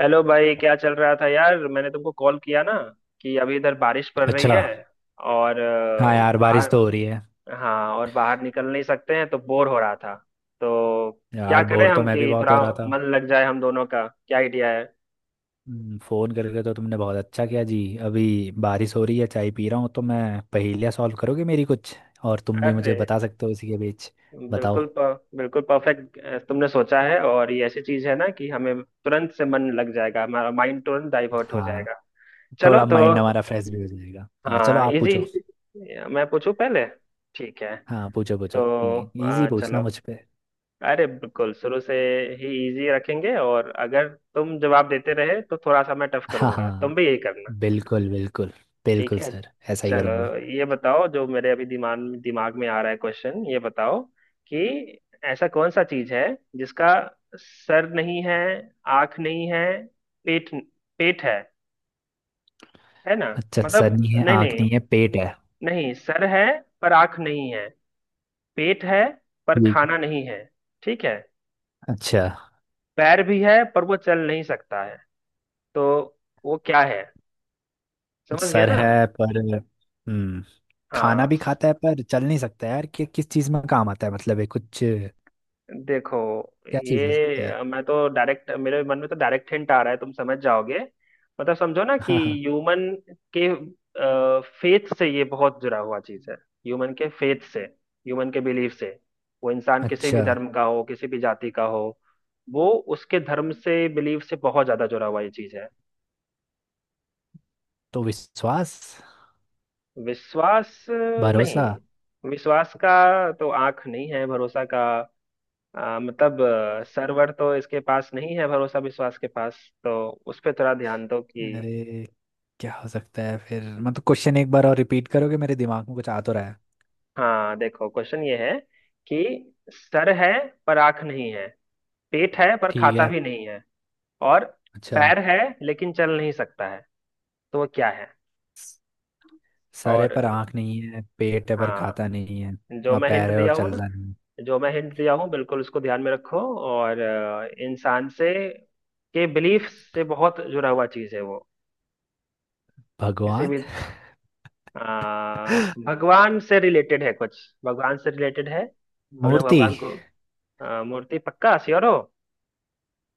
Hello भाई, क्या चल रहा था यार? मैंने तुमको कॉल किया ना, कि अभी इधर बारिश पड़ रही अच्छा। है और हाँ यार, बारिश बाहर। तो हो रही है। हाँ, और बाहर निकल नहीं सकते हैं तो बोर हो रहा था। तो क्या यार, करें बोर तो हम मैं भी कि बहुत थोड़ा हो रहा था। मन लग जाए, हम दोनों का क्या आइडिया है? फोन करके तो तुमने बहुत अच्छा किया जी। अभी बारिश हो रही है, चाय पी रहा हूँ तो मैं पहेलियाँ सॉल्व करोगे मेरी कुछ, और तुम भी अरे मुझे बता सकते हो इसी के बीच। बताओ। बिल्कुल बिल्कुल परफेक्ट। तुमने सोचा है, और ये ऐसी चीज है ना कि हमें तुरंत से मन लग जाएगा, हमारा माइंड तुरंत डाइवर्ट हो हाँ, जाएगा। चलो थोड़ा तो। माइंड हमारा फ्रेश भी हो जाएगा। हाँ चलो, हाँ, आप इजी। पूछो। मैं पूछूं पहले? ठीक है। हाँ, पूछो पूछो, तो इजी पूछना चलो। मुझ पे। अरे बिल्कुल शुरू से ही इजी रखेंगे, और अगर तुम जवाब देते रहे तो थोड़ा सा मैं टफ हाँ करूंगा, हाँ, तुम भी यही करना। बिल्कुल बिल्कुल। ठीक बिल्कुल है, सर, ऐसा ही चलो। करूँगा। ये बताओ, जो मेरे अभी दिमाग दिमाग में आ रहा है क्वेश्चन, ये बताओ कि ऐसा कौन सा चीज है जिसका सर नहीं है, आंख नहीं है, पेट पेट है ना? अच्छा, मतलब, सर नहीं है, नहीं आँख नहीं, नहीं है, पेट है। नहीं, सर है पर आंख नहीं है, पेट है पर ठीक। खाना नहीं है, ठीक है? अच्छा। पैर भी है पर वो चल नहीं सकता है, तो वो क्या है? समझ गया सर ना? है पर हम्म, खाना हाँ भी खाता है पर चल नहीं सकता यार, कि किस चीज में काम आता है मतलब? ये कुछ क्या देखो, चीज हो ये सकती है? मैं तो डायरेक्ट, मेरे मन में तो डायरेक्ट हिंट आ रहा है, तुम समझ जाओगे। मतलब समझो ना, कि हाँ हाँ। ह्यूमन के फेथ से ये बहुत जुड़ा हुआ चीज है, ह्यूमन के फेथ से, ह्यूमन के बिलीफ से। वो इंसान किसी भी अच्छा। धर्म का हो, किसी भी जाति का हो, वो उसके धर्म से, बिलीफ से बहुत ज्यादा जुड़ा हुआ ये चीज है। तो विश्वास? विश्वास भरोसा? नहीं, विश्वास का तो आंख नहीं है, भरोसा का मतलब सर्वर तो इसके पास नहीं है, भरोसा विश्वास के पास। तो उस पे थोड़ा ध्यान दो कि। अरे, क्या हो सकता है फिर मतलब? क्वेश्चन एक बार और रिपीट करोगे? मेरे दिमाग में कुछ आ तो रहा है। हाँ देखो, क्वेश्चन ये है कि सर है पर आंख नहीं है, पेट है पर ठीक खाता है। भी नहीं है, और अच्छा। पैर है लेकिन चल नहीं सकता है, तो वो क्या है? स- सर है और पर आंख नहीं है, पेट है पर हाँ, खाता नहीं है, जो और मैं हिंट पैर है और दिया हूँ ना, चलता नहीं है। जो मैं हिंट दिया हूँ बिल्कुल उसको ध्यान में रखो। और इंसान से, के बिलीफ से बहुत जुड़ा हुआ चीज है वो। किसी भगवान। भी। हाँ, भगवान से रिलेटेड है कुछ। भगवान से रिलेटेड है। हम लोग मूर्ति। भगवान को मूर्ति, पक्का श्योर हो?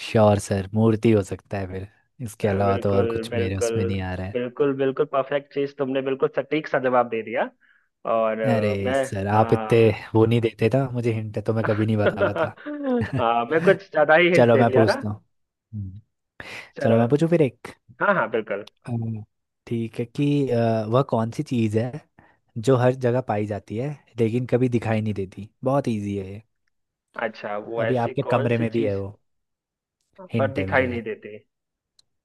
श्योर सर, मूर्ति हो सकता है फिर। इसके अलावा तो और बिल्कुल कुछ मेरे बिल्कुल, उसमें नहीं आ रहा है। बिल्कुल बिल्कुल परफेक्ट चीज, तुमने बिल्कुल सटीक सा जवाब दे दिया। और अरे मैं। सर, आप इतने हाँ। वो नहीं देते था मुझे हिंट तो मैं कभी नहीं बता पाता। हाँ, मैं कुछ ज्यादा ही हिंट चलो, दे मैं दिया ना। पूछता हूँ। हम्म, चलो चलो। मैं पूछूं फिर एक। हाँ हाँ, बिल्कुल। अम्म, ठीक है कि वह कौन सी चीज़ है जो हर जगह पाई जाती है लेकिन कभी दिखाई नहीं देती? बहुत इजी है ये। अच्छा, वो अभी ऐसी आपके कौन कमरे सी में भी है चीज वो, पर हिंट है मेरा दिखाई नहीं ये। देती?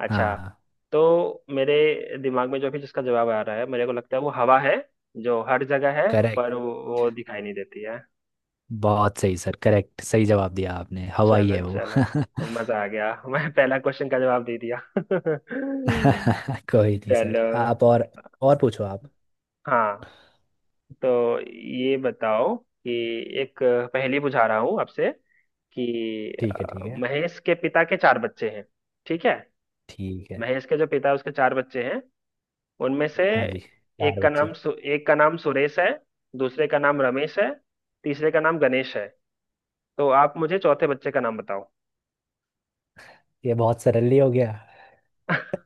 अच्छा। हाँ। तो मेरे दिमाग में जो भी, जिसका जवाब आ रहा है, मेरे को लगता है वो हवा है, जो हर जगह है करेक्ट। पर वो दिखाई नहीं देती है। बहुत सही सर, करेक्ट सही जवाब दिया आपने। हवा ही चलो है वो। चलो, मजा आ गया। मैं पहला क्वेश्चन का जवाब दे दिया। कोई नहीं चलो। सर। आप और पूछो आप। हाँ। तो ये बताओ कि, एक पहेली बुझा रहा हूँ आपसे, कि ठीक है। ठीक है महेश के पिता के चार बच्चे हैं, ठीक है? ठीक है। महेश के जो पिता है उसके चार बच्चे हैं, उनमें से हाँ जी, चार एक का बच्चे नाम एक का नाम सुरेश है, दूसरे का नाम रमेश है, तीसरे का नाम गणेश है। तो आप मुझे चौथे बच्चे का नाम बताओ। ये बहुत सरल हो गया।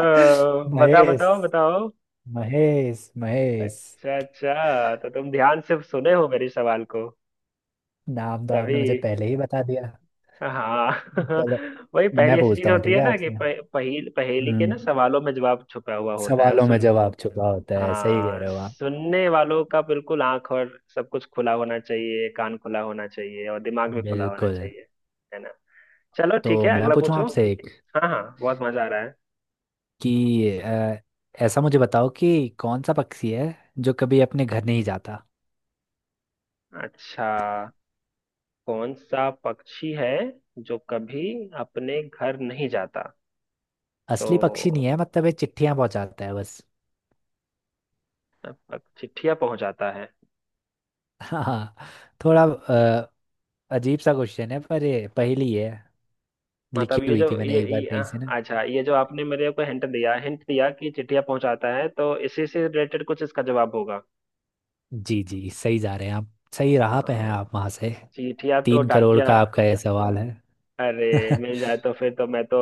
बताओ महेश। बताओ बताओ। महेश महेश। अच्छा अच्छा, तो तुम ध्यान से सुने हो मेरे सवाल को, नाम तो तभी। आपने मुझे पहले ही बता दिया। हाँ। चलो वही पहली मैं ऐसी चीज पूछता हूँ होती ठीक है है ना, कि आपसे। पहेली के हम्म। ना सवालों में जवाब छुपा हुआ होता है, वो सवालों में सुन। जवाब छुपा होता है, सही कह हाँ, रहे हो आप। सुनने वालों का बिल्कुल आंख और सब कुछ खुला होना चाहिए, कान खुला होना चाहिए और दिमाग भी खुला होना बिल्कुल। चाहिए, है ना? चलो ठीक तो है, मैं अगला पूछूं पूछो। आपसे एक, हाँ हाँ, बहुत मजा आ रहा है। कि ऐसा मुझे बताओ कि कौन सा पक्षी है जो कभी अपने घर नहीं जाता? अच्छा, कौन सा पक्षी है जो कभी अपने घर नहीं जाता? असली पक्षी नहीं तो है, मतलब ये चिट्ठियां पहुंचाता है बस। चिट्ठिया पहुंचाता है। हाँ। थोड़ा अजीब सा क्वेश्चन है पर ये पहेली है, मतलब लिखी ये हुई जो थी मैंने ये, एक बार ये कहीं से ना। अच्छा, ये जो आपने मेरे को हिंट दिया, हिंट दिया कि चिट्ठिया पहुंचाता है, तो इसी से रिलेटेड कुछ इसका जवाब होगा। जी जी, सही जा रहे हैं आप। सही अ, राह पे हैं आप वहां से। चिट्ठिया तो 3 करोड़ का डाकिया। आपका ये सवाल है। अरे मिल जाए तो फिर तो मैं तो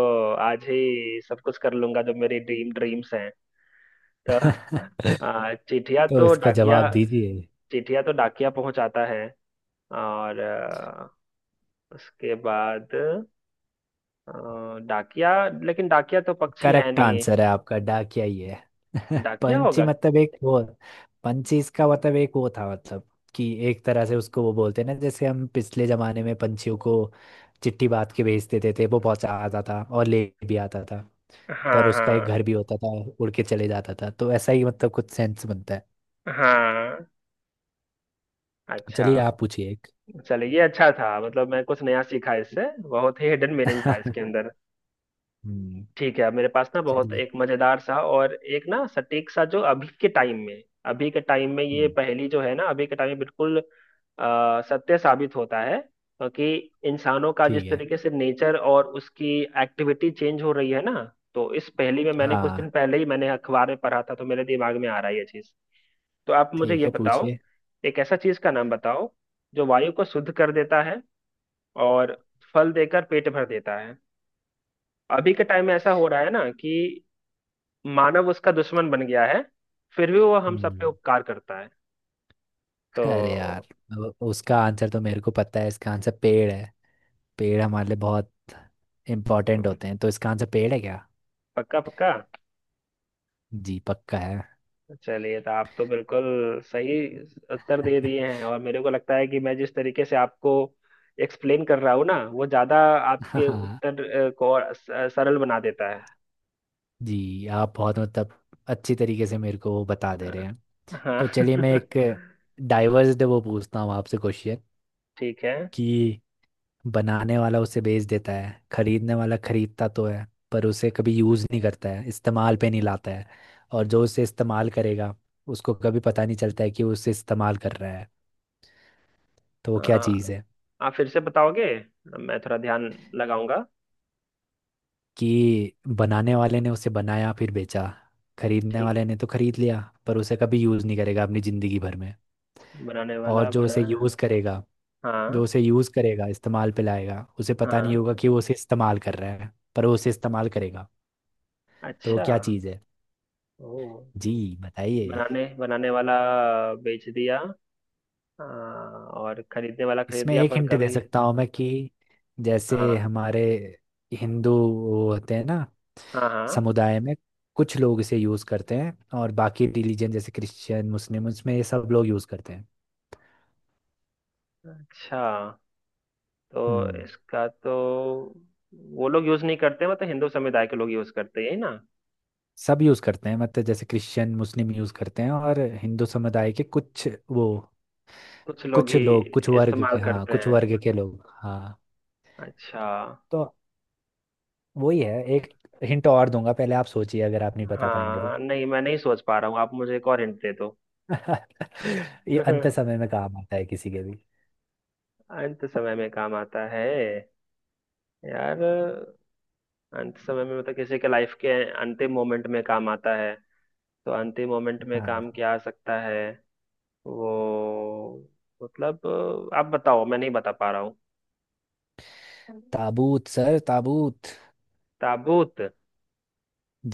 आज ही सब कुछ कर लूंगा जो मेरी ड्रीम्स हैं। तो आ, चिट्ठिया तो तो इसका डाकिया जवाब दीजिए। चिट्ठिया तो डाकिया पहुंचाता है, और उसके बाद आ, डाकिया, लेकिन डाकिया तो पक्षी है करेक्ट नहीं, आंसर है आपका, डाकिया ही है। डाकिया पंची होगा। मतलब एक वो, पंची इसका मतलब एक वो था, मतलब कि एक तरह से उसको वो बोलते हैं ना, जैसे हम पिछले जमाने में पंछियों को चिट्ठी बात के भेज देते थे, वो पहुंचा आता था और ले भी आता था। हाँ पर उसका एक घर हाँ भी होता था, उड़ के चले जाता था, तो ऐसा ही मतलब कुछ सेंस बनता है। हाँ। अच्छा। चलिए आप पूछिए एक। चलिए, ये अच्छा था, मतलब मैं कुछ नया सीखा इससे, बहुत ही हिडन मीनिंग था इसके अंदर। हम्म। ठीक है, मेरे पास ना बहुत चलिए। एक मजेदार सा और एक ना सटीक सा, जो अभी के टाइम में, ये हम्म, पहेली जो है ना, अभी के टाइम में बिल्कुल सत्य साबित होता है, क्योंकि इंसानों का ठीक जिस है। तरीके से नेचर और उसकी एक्टिविटी चेंज हो रही है ना, तो इस पहेली में मैंने कुछ हाँ दिन पहले ही मैंने अखबार में पढ़ा था, तो मेरे दिमाग में आ रहा है ये चीज। तो आप मुझे ठीक ये है। बताओ, पूछिए। एक ऐसा चीज का नाम बताओ, जो वायु को शुद्ध कर देता है, और फल देकर पेट भर देता है। अभी के टाइम में ऐसा हो रहा है ना कि मानव उसका दुश्मन बन गया है, फिर भी वो हम सब पे हम्म। उपकार करता है। अरे तो, यार, अब उसका आंसर तो मेरे को पता है। इसका आंसर पेड़ है। पेड़ हमारे लिए बहुत इम्पोर्टेंट होते हैं, तो इसका आंसर पेड़ है क्या? पक्का पक्का? जी पक्का है। चलिए, तो आप तो बिल्कुल सही उत्तर दे दिए हैं, और मेरे को लगता है कि मैं जिस तरीके से आपको एक्सप्लेन कर रहा हूँ ना, वो ज्यादा आपके हाँ उत्तर को और सरल बना देता है। जी, आप बहुत मतलब अच्छी तरीके से मेरे को वो बता दे रहे अ, हैं। हाँ। तो चलिए मैं एक डाइवर्स वो पूछता हूँ आपसे क्वेश्चन, ठीक है। कि बनाने वाला उसे बेच देता है, खरीदने वाला खरीदता तो है पर उसे कभी यूज़ नहीं करता है, इस्तेमाल पे नहीं लाता है, और जो उसे इस्तेमाल करेगा उसको कभी पता नहीं चलता है कि वो उसे इस्तेमाल कर रहा है। तो वो अ, क्या चीज़ है? आप फिर से बताओगे? मैं थोड़ा ध्यान लगाऊंगा। कि बनाने वाले ने उसे बनाया फिर बेचा, खरीदने ठीक। वाले ने तो खरीद लिया पर उसे कभी यूज़ नहीं करेगा अपनी ज़िंदगी भर में। बनाने और वाला जो बना। उसे यूज़ करेगा जो हाँ उसे यूज़ करेगा इस्तेमाल पे लाएगा, उसे पता नहीं हाँ। होगा कि वो उसे इस्तेमाल कर रहा है, पर वो उसे इस्तेमाल करेगा। तो वो अच्छा। क्या चीज़ है? ओह। जी बताइए। बनाने बनाने वाला बेच दिया, और खरीदने वाला खरीद इसमें दिया एक पर हिंट दे कभी। सकता हूँ मैं कि जैसे हाँ हमारे हिंदू वो होते हैं ना, हाँ हाँ। समुदाय में कुछ लोग इसे यूज करते हैं, और बाकी रिलीजन जैसे क्रिश्चियन मुस्लिम उसमें ये सब लोग यूज करते हैं। अच्छा। तो हम्म। इसका तो, वो लोग यूज नहीं करते, मतलब हिंदू समुदाय के लोग यूज करते हैं, यही ना? सब यूज करते हैं, मतलब जैसे क्रिश्चियन मुस्लिम यूज करते हैं, और हिंदू समुदाय के कुछ वो कुछ लोग कुछ ही लोग, कुछ वर्ग इस्तेमाल के हाँ, करते कुछ हैं। वर्ग के लोग, हाँ। अच्छा। तो वही है। एक हिंट और दूंगा, पहले आप सोचिए, अगर आप नहीं बता पाएंगे तो। हाँ नहीं, मैं नहीं सोच पा रहा हूँ, आप मुझे एक और हिंट दे दो। ये अंत समय में काम आता है किसी के भी। अंत समय में काम आता है, यार? अंत समय में मतलब किसी के लाइफ के अंतिम मोमेंट में काम आता है। तो अंतिम मोमेंट में हाँ काम क्या आ सकता है? वो, मतलब आप बताओ, मैं नहीं बता पा रहा हूँ। ताबूत सर, ताबूत। ताबूत।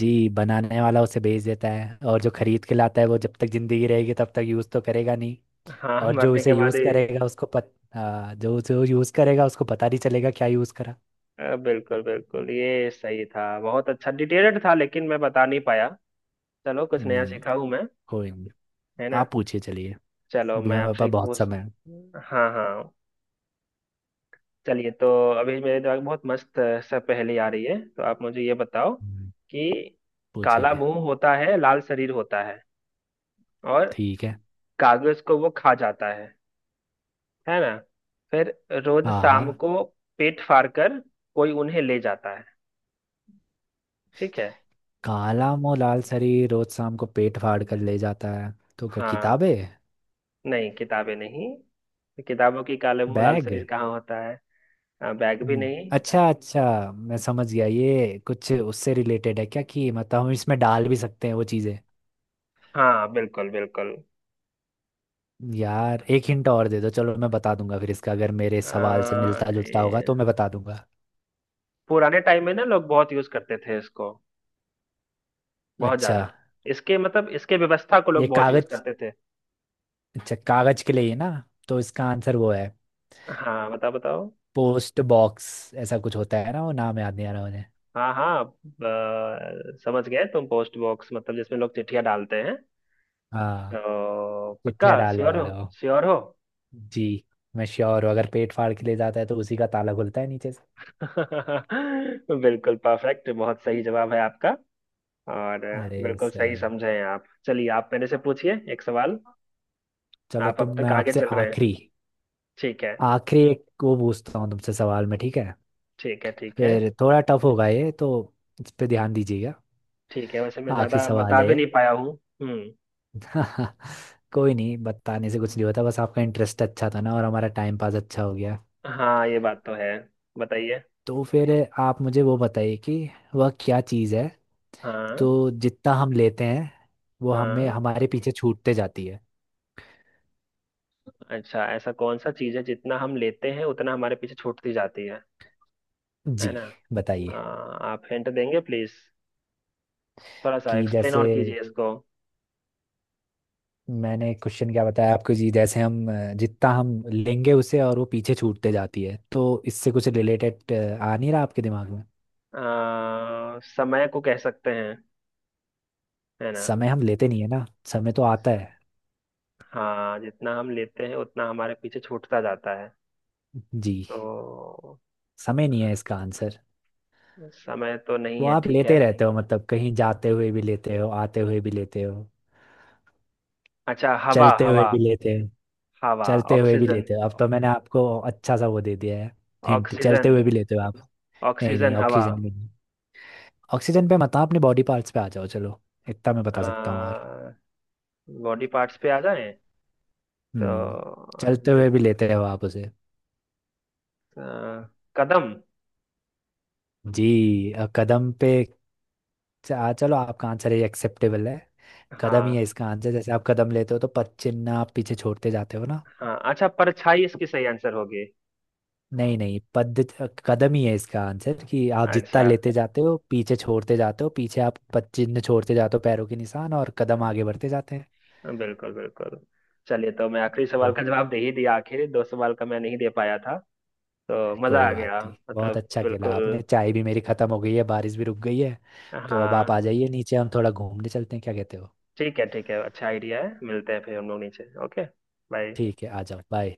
जी, बनाने वाला उसे बेच देता है, और जो खरीद के लाता है वो जब तक जिंदगी रहेगी तब तक यूज़ तो करेगा नहीं। हाँ। और जो मरने उसे के बाद यूज़ ही। करेगा उसको पत हाँ, जो उसे यूज़ करेगा उसको पता नहीं चलेगा क्या यूज़ करा। बिल्कुल बिल्कुल, ये सही था, बहुत अच्छा डिटेल्ड था, लेकिन मैं बता नहीं पाया। चलो, कुछ नया हम्म, सीखा हूँ मैं, कोई नहीं। है ना? आप पूछिए चलिए। चलो, अभी मैं हमारे आपसे पास एक बहुत पूछ। समय है। हाँ हाँ। चलिए। तो अभी मेरे दिमाग में बहुत मस्त सा पहेली आ रही है, तो आप मुझे ये बताओ हम्म, कि, काला पूछिए। मुंह होता है, लाल शरीर होता है, और ठीक है। कागज को वो खा जाता है ना? फिर रोज शाम हाँ। को पेट फाड़ कर कोई उन्हें ले जाता है। ठीक है। काला मुंह लाल सरी, रोज शाम को पेट फाड़ कर ले जाता है। तो क्या, हाँ, किताबें? नहीं किताबें नहीं, किताबों की काले मुंह लाल बैग? शरीर कहाँ होता है? हाँ, बैग भी नहीं। अच्छा अच्छा, मैं समझ गया। ये कुछ उससे रिलेटेड है क्या, कि मतलब हम इसमें डाल भी सकते हैं वो चीज़ें? हाँ बिल्कुल बिल्कुल। यार एक हिंट और दे दो, चलो मैं बता दूंगा फिर इसका, अगर मेरे सवाल से आ, मिलता जुलता होगा तो मैं ये- बता दूंगा। पुराने टाइम में ना लोग बहुत यूज करते थे इसको, बहुत अच्छा ज्यादा। इसके, मतलब इसके व्यवस्था को ये लोग बहुत यूज कागज। करते थे। अच्छा कागज के लिए ही ना। तो इसका आंसर वो है हाँ, बताओ बताओ। पोस्ट बॉक्स, ऐसा कुछ होता है ना, वो नाम याद नहीं आ रहा मुझे। हाँ हाँ समझ गए तुम, पोस्ट बॉक्स, मतलब जिसमें लोग चिट्ठियां डालते हैं। हाँ, तो पक्का चिट्ठियाँ डालने श्योर हो? वाला हो। श्योर हो? जी। मैं श्योर हूँ, अगर पेट फाड़ के ले जाता है तो उसी का ताला खुलता है नीचे से। बिल्कुल परफेक्ट, बहुत सही जवाब है आपका। और अरे बिल्कुल सही सर, समझे हैं आप। चलिए, आप मेरे से पूछिए एक सवाल। चलो आप तो अब मैं तक आगे आपसे चल रहे हैं, आखिरी, ठीक है। आखिरी एक वो पूछता हूँ तुमसे सवाल में, ठीक है? ठीक है ठीक है, फिर थोड़ा टफ होगा ये तो, इस पे ध्यान दीजिएगा। ठीक है वैसे मैं आखिरी ज्यादा सवाल बता है। भी नहीं पाया हूँ। हम्म। कोई नहीं, बताने से कुछ नहीं होता, बस आपका इंटरेस्ट अच्छा था ना और हमारा टाइम पास अच्छा हो गया। हाँ, ये बात तो है। बताइए। तो फिर आप मुझे वो बताइए कि वह क्या चीज़ है, तो हाँ जितना हम लेते हैं वो हमें हाँ। हमारे पीछे छूटते जाती है। अच्छा, ऐसा कौन सा चीज है जितना हम लेते हैं उतना हमारे पीछे छूटती जाती है जी ना? बताइए। हाँ, आप हिंट देंगे प्लीज, थोड़ा सा कि एक्सप्लेन जैसे, और कीजिए इसको। मैंने क्वेश्चन क्या बताया आपको जी, जैसे हम जितना हम लेंगे उसे और वो पीछे छूटते जाती है, तो इससे कुछ रिलेटेड आ नहीं रहा आपके दिमाग में? अ, समय को कह सकते हैं, है ना? समय हम लेते नहीं है ना, समय तो आता है। हाँ, जितना हम लेते हैं उतना हमारे पीछे छूटता जाता है। जी, तो समय नहीं है अ, इसका आंसर। समय तो नहीं वो है, आप ठीक है। लेते रहते हो, मतलब कहीं जाते हुए भी लेते हो, आते हुए भी लेते हो, अच्छा, हवा चलते हुए हवा। भी लेते हो। हवा। चलते हुए भी ऑक्सीजन। लेते हो, अब तो मैंने आपको अच्छा सा वो दे दिया है हिंट, ऑक्सीजन। चलते हुए भी लेते हो आप। नहीं नहीं, ऑक्सीजन हवा। ऑक्सीजन भी नहीं। ऑक्सीजन पे मत आओ, अपने बॉडी पार्ट्स पे आ जाओ चलो, इतना मैं बता सकता हूँ और। बॉडी पार्ट्स पे आ जाए? हम्म। तो चलते हुए जित- भी लेते हैं आप उसे। अ, कदम। जी कदम पे, आ चलो आपका आंसर ये एक्सेप्टेबल है, कदम ही है हाँ इसका आंसर, जैसे आप कदम लेते हो तो पद चिन्ह आप पीछे छोड़ते जाते हो ना। हाँ। अच्छा, परछाई इसकी सही आंसर होगी? नहीं नहीं पद कदम ही है इसका आंसर, कि आप जितना अच्छा, लेते जाते हो, पीछे छोड़ते जाते हो, पीछे आप पद चिन्ह छोड़ते जाते हो, पैरों के निशान, और कदम आगे बढ़ते जाते हैं। बिल्कुल बिल्कुल। चलिए, तो मैं आखिरी सवाल ओ, का जवाब दे ही दिया, आखिर दो सवाल का मैं नहीं दे पाया था। तो मजा कोई आ बात गया। नहीं। बहुत मतलब अच्छा खेला बिल्कुल। आपने। चाय भी मेरी खत्म हो गई है, बारिश भी रुक गई है, तो अब आप हाँ आ जाइए नीचे, हम थोड़ा घूमने चलते हैं, क्या कहते हो? ठीक है ठीक है, अच्छा आइडिया है, मिलते हैं फिर हम लोग नीचे। Okay, bye. ठीक है, आ जाओ। बाय।